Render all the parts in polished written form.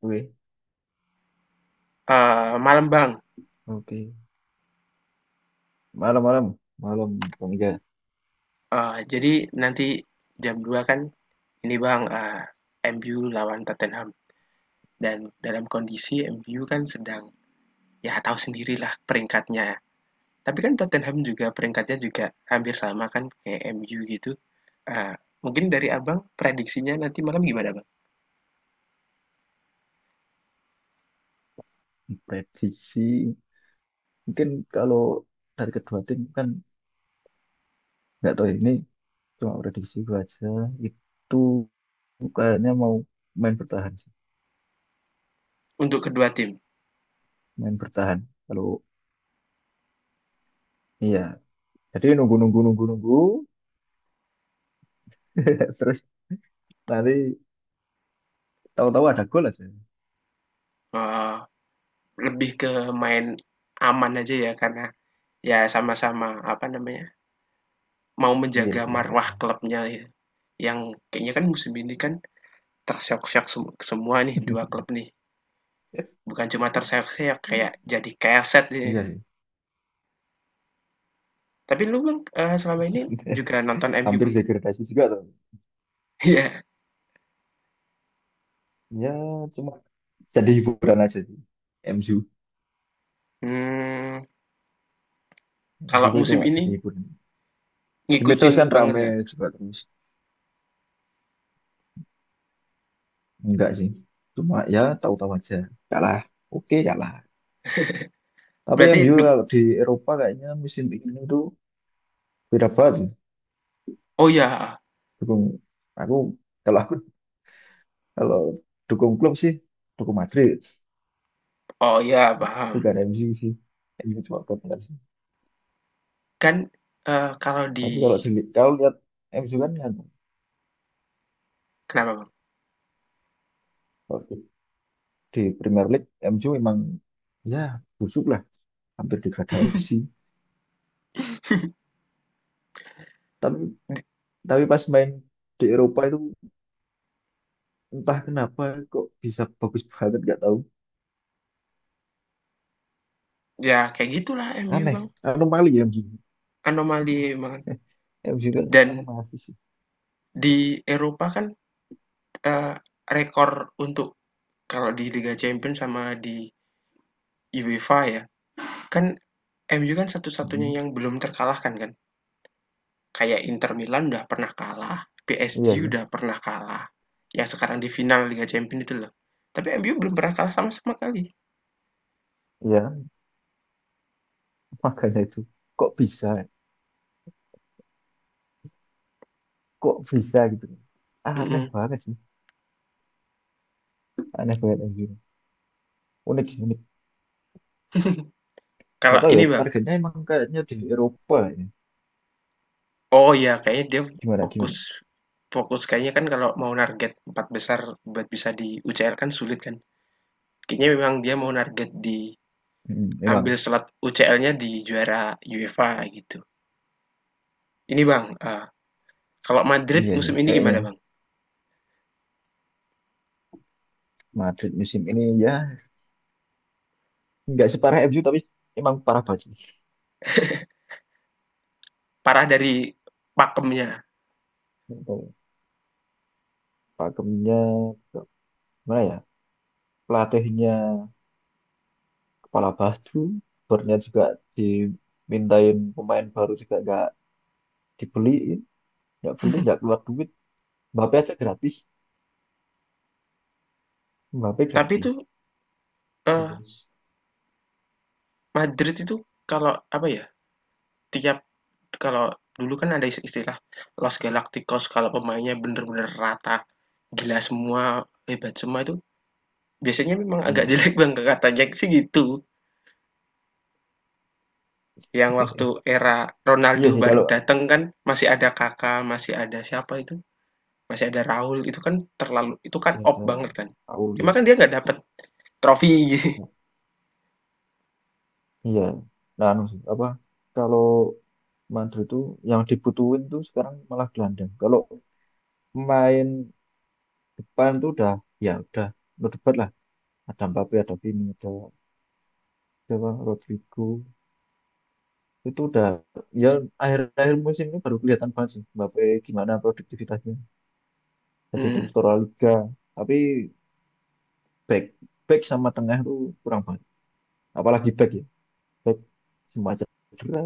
Oke, Malam Bang. oke. Malam-malam, malam Bang Iga. Jadi nanti jam 2 kan ini Bang, MU lawan Tottenham dan dalam kondisi MU kan sedang, ya tahu sendirilah peringkatnya. Tapi kan Tottenham juga peringkatnya juga hampir sama kan kayak MU gitu. Eee, Mungkin dari Abang prediksinya nanti malam gimana Bang? Prediksi, mungkin kalau dari kedua tim kan nggak tahu ya, ini cuma prediksi gue aja. Itu kayaknya mau main bertahan sih, Untuk kedua tim, main bertahan. Kalau iya, jadi nunggu nunggu nunggu nunggu, terus nanti tahu-tahu ada gol aja. eee, lebih ke main aman aja ya karena ya sama-sama, apa namanya, mau Iya menjaga sih marwah kayaknya. klubnya ya, yang kayaknya kan musim ini kan Tersyok-syok semua nih 2 klub nih, bukan cuma terseok-seok ya, kayak jadi keset jadinya. Iya sih. Tapi lu Bang, selama ini juga nonton MU Hampir Bang? degradasi juga tuh. Iya, Ya, cuma jadi hiburan aja sih. MU, mmm, MU kalau itu musim cuma ini jadi hiburan. Di medsos ngikutin kan banget rame nggak? juga, terus enggak sih, cuma ya tahu-tahu aja kalah, oke kalah. Tapi Berarti MU duk kalau di Eropa kayaknya musim ini tuh beda banget. Oh ya, Dukung aku kalau aku kalau dukung klub sih, dukung Madrid, oh ya, paham. bukan MU sih. MU cuma partner sih, Kan, kalau di tapi kalau sendiri kau lihat MU kan kan ya. kenapa Bang? Kalau di Premier League MU memang ya busuk lah, hampir degradasi. tapi Di tapi pas main di Eropa itu entah kenapa kok bisa bagus banget, nggak tahu. Ya, kayak gitulah MU Aneh, Bang, anomali ya MCU. anomali banget. MCU kan Dan anomali sih. di Eropa kan, eee, rekor untuk kalau di Liga Champions sama di UEFA ya, kan MU kan satu-satunya Hmm, yang belum terkalahkan kan? Kayak Inter Milan udah pernah kalah, iya PSG sih. udah pernah kalah, yang sekarang di final Liga Champions itu loh. Tapi MU belum pernah kalah sama sama kali. Iya kan? Makanya itu kok bisa kok bisa gitu, aneh Mhm. banget sih. Aneh banget MCU, unik sih unik. Nggak Kalau tahu ya, ini Bang, targetnya emang kayaknya di Eropa ya. oh iya kayaknya dia Gimana fokus gimana. fokus kayaknya kan kalau mau target empat besar buat bisa di UCL kan sulit kan. Kayaknya memang dia mau target Hmm, emang. ambil slot UCL-nya di juara UEFA gitu. Ini Bang, kalau Madrid Iya sih musim ini kayaknya. gimana Bang? Madrid musim ini ya nggak separah MU, tapi emang parah banget sih. Parah dari pakemnya. Nggak tahu, pakemnya nggak- gimana ya, pelatihnya kepala baju barunya juga, dimintain pemain baru juga nggak dibeliin, nggak beli, nggak keluar duit. Mbappe aja gratis, Mbappe Tapi itu, gratis, eee, terus Madrid itu kalau apa ya, tiap kalau dulu kan ada istilah Los Galacticos kalau pemainnya bener-bener rata, gila semua, hebat semua itu biasanya memang agak hmm. jelek Bang, katanya sih gitu. Yang waktu era Iya Ronaldo sih, baru kalau datang kan masih ada kakak masih ada siapa itu, masih ada Raul, itu kan terlalu itu kan saya op ada, banget kan. aku Cuma lihat. kan dia nggak dapet trofi. Iya, nah anu sih, apa, kalau Madrid tuh yang dibutuhin tuh sekarang malah gelandang. Kalau main depan tuh udah, ya udah berdebat lah, ada Mbappe, ada Vini, ada siapa Rodrigo. Itu udah, ya, akhir-akhir musim ini baru kelihatan banget sih Mbappe gimana produktivitasnya. Jadi Mhm. struktural liga, tapi back back sama tengah tuh kurang banget. Apalagi back ya. Back semacam cedera.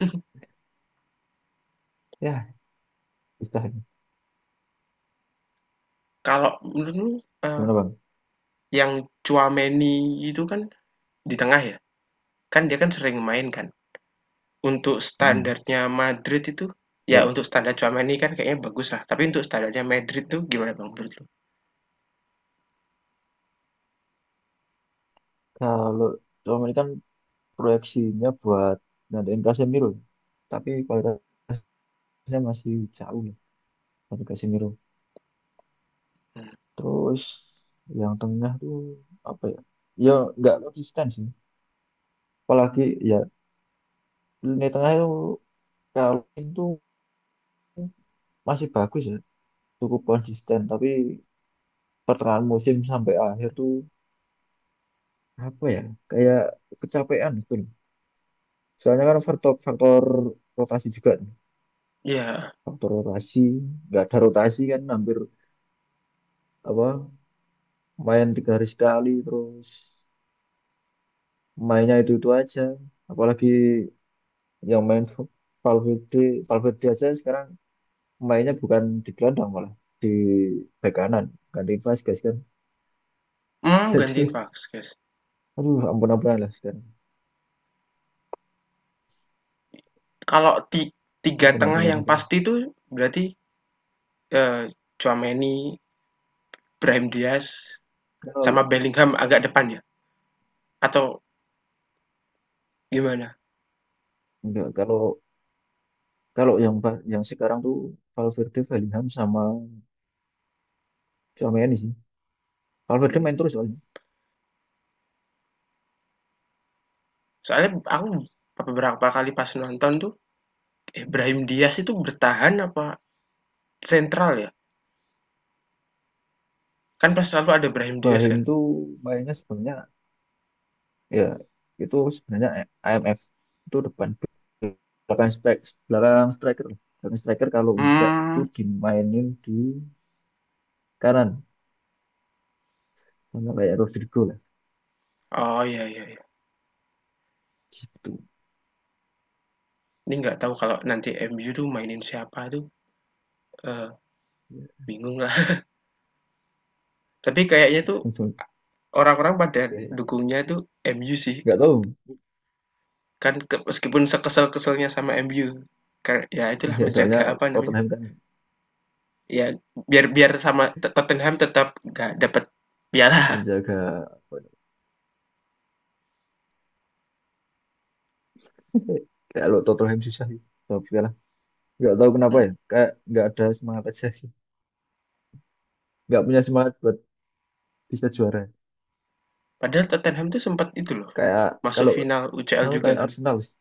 Ya, bisa. Kalau menurutmu, eee, Gimana Bang? yang Tchouaméni itu kan di tengah ya? Kan dia kan sering main kan. Untuk Mm, standarnya Madrid itu, ya ya untuk standar Tchouaméni kan kayaknya bagus lah. Tapi untuk standarnya Madrid tuh gimana Bang menurut lu? kalau cuma ini kan, proyeksinya buat ngadain Casemiro. Tapi kualitasnya masih jauh lah dari Casemiro. Hmm. Terus yang tengah tuh apa ya? Ya nggak konsisten sih. Apalagi ya. Lini tengah itu kalau itu masih bagus ya, cukup konsisten. Tapi pertengahan musim sampai akhir tuh apa ya, kayak kecapean gitu loh. Soalnya kan faktor faktor rotasi juga, nih. Ya, Faktor rotasi, nggak ada rotasi kan, hampir apa, main 3 hari sekali terus mainnya itu aja. Apalagi yang main Valverde, Valverde, aja sekarang mainnya bukan di gelandang, malah di bek kanan, ganti Vazquez kan. Gantiin Jadi Vasquez. aduh, ampun-ampunan lah sekarang. Kalau tiga tengah Ampun-ampunan yang sekarang. pasti itu berarti eh, Tchouaméni, Brahim Diaz, sama Kalau Bellingham agak depan ya? Atau gimana? enggak, kalau kalau yang ba- yang sekarang tuh Valverde, Bellingham sama sama ini sih. Valverde Hmm. main terus soalnya. Soalnya aku beberapa kali pas nonton tuh, Brahim Diaz itu bertahan apa sentral ya? Kan pas selalu ada Brahim Diaz Brahim kan? tuh mainnya sebenarnya, ya itu sebenarnya IMF, itu depan belakang strike belakang striker lah. Belakang striker kalau enggak tuh Mmm. dimainin di kanan, sama kayak Rodrigo lah. Oh, iya, iya, iya. Gitu. Ini nggak tahu kalau nanti MU tuh mainin siapa tuh, eee, Ya, bingung lah. Tapi kayaknya tuh langsung. a orang-orang pada Ya, dukungnya tuh MU sih, enggak tahu. kan meskipun sekesel-keselnya sama MU, kayak ya itulah Ya, soalnya menjaga apa namanya, Tottenham kan ya biar biar sama Tottenham tetap nggak dapet piala. menjaga. Eh, kalau Tottenham susah sih kalau kalah. Nggak tahu kenapa ya. Mhm, Kayak nggak ada semangat aja sih. Nggak punya semangat buat bisa juara. padahal Tottenham tuh sempet itu loh, Kayak masuk kalau final UCL tahu juga kayak kan, Arsenal sih.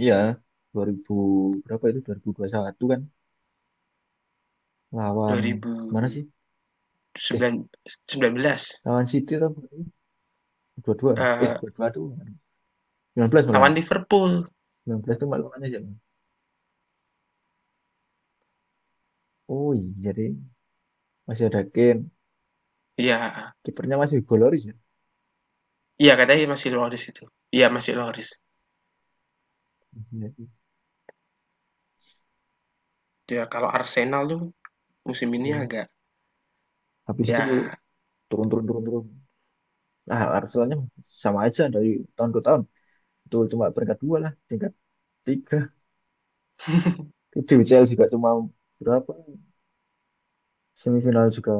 Iya. 2000 berapa itu, 2021 kan, lawan mana sih? Eh, 2009 s 19, lawan City atau apa? 22. Eh, eee, 22 tuh 19 malah. lawan Liverpool. 19 tuh malah lawannya siapa? Oh iya, jadi masih ada Kane. Iya. Kipernya masih Hugo Lloris ya. Iya, katanya masih Loris itu. Iya, masih Loris. Iya. Ya, kalau Arsenal tuh musim ini Iya kan. agak Habis itu ya. turun turun turun turun. Ah, Arsenalnya sama aja dari tahun ke tahun. Betul, cuma peringkat dua lah, peringkat tiga. Itu UCL juga cuma berapa, semifinal juga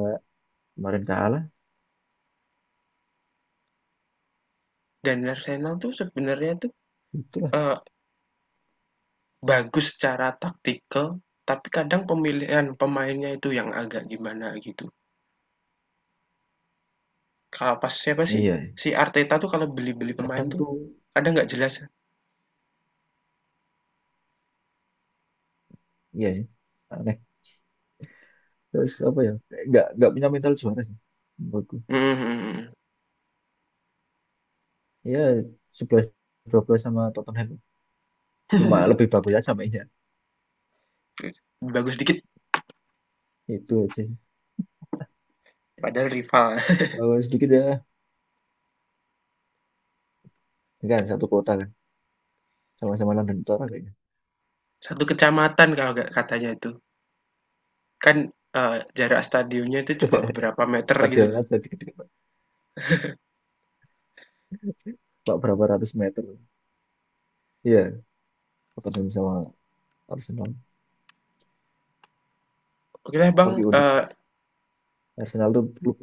kemarin kalah. Dan Arsenal tuh sebenarnya tuh, Itulah. eee, bagus secara taktikal, tapi kadang pemilihan pemainnya itu yang agak gimana gitu. Kalau pas siapa sih, Iya, si Arteta tuh kalau beli-beli pemain kadang tuh tuh, kadang nggak jelas. iya, ya, aneh. Terus apa ya, kayak nggak punya mental juara sih, menurutku. Hmm. Iya, 11 12 sama Tottenham. Cuma lebih bagus aja, sama iya. Bagus dikit, Itu aja sih. padahal rival. Kalau sedikit ya, kan satu kota kan. Sama-sama London Utara kayaknya. Satu kecamatan kalau nggak katanya itu. Kan, jarak stadionnya itu cuma beberapa meter gitu Stadionnya loh. aja dikit-dikit, Pak, berapa ratus meter. Iya, Tottenham sama Arsenal. Oke lah Bang, Tapi unik sih. Arsenal tuh klub.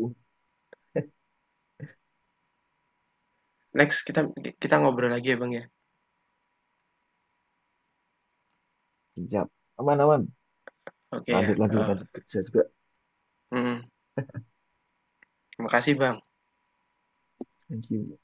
next kita kita ngobrol lagi ya Bang ya? Siap, aman aman. Oke ya, Lanjut lanjut lanjut kerja juga. mhm, makasih Bang. Thank you.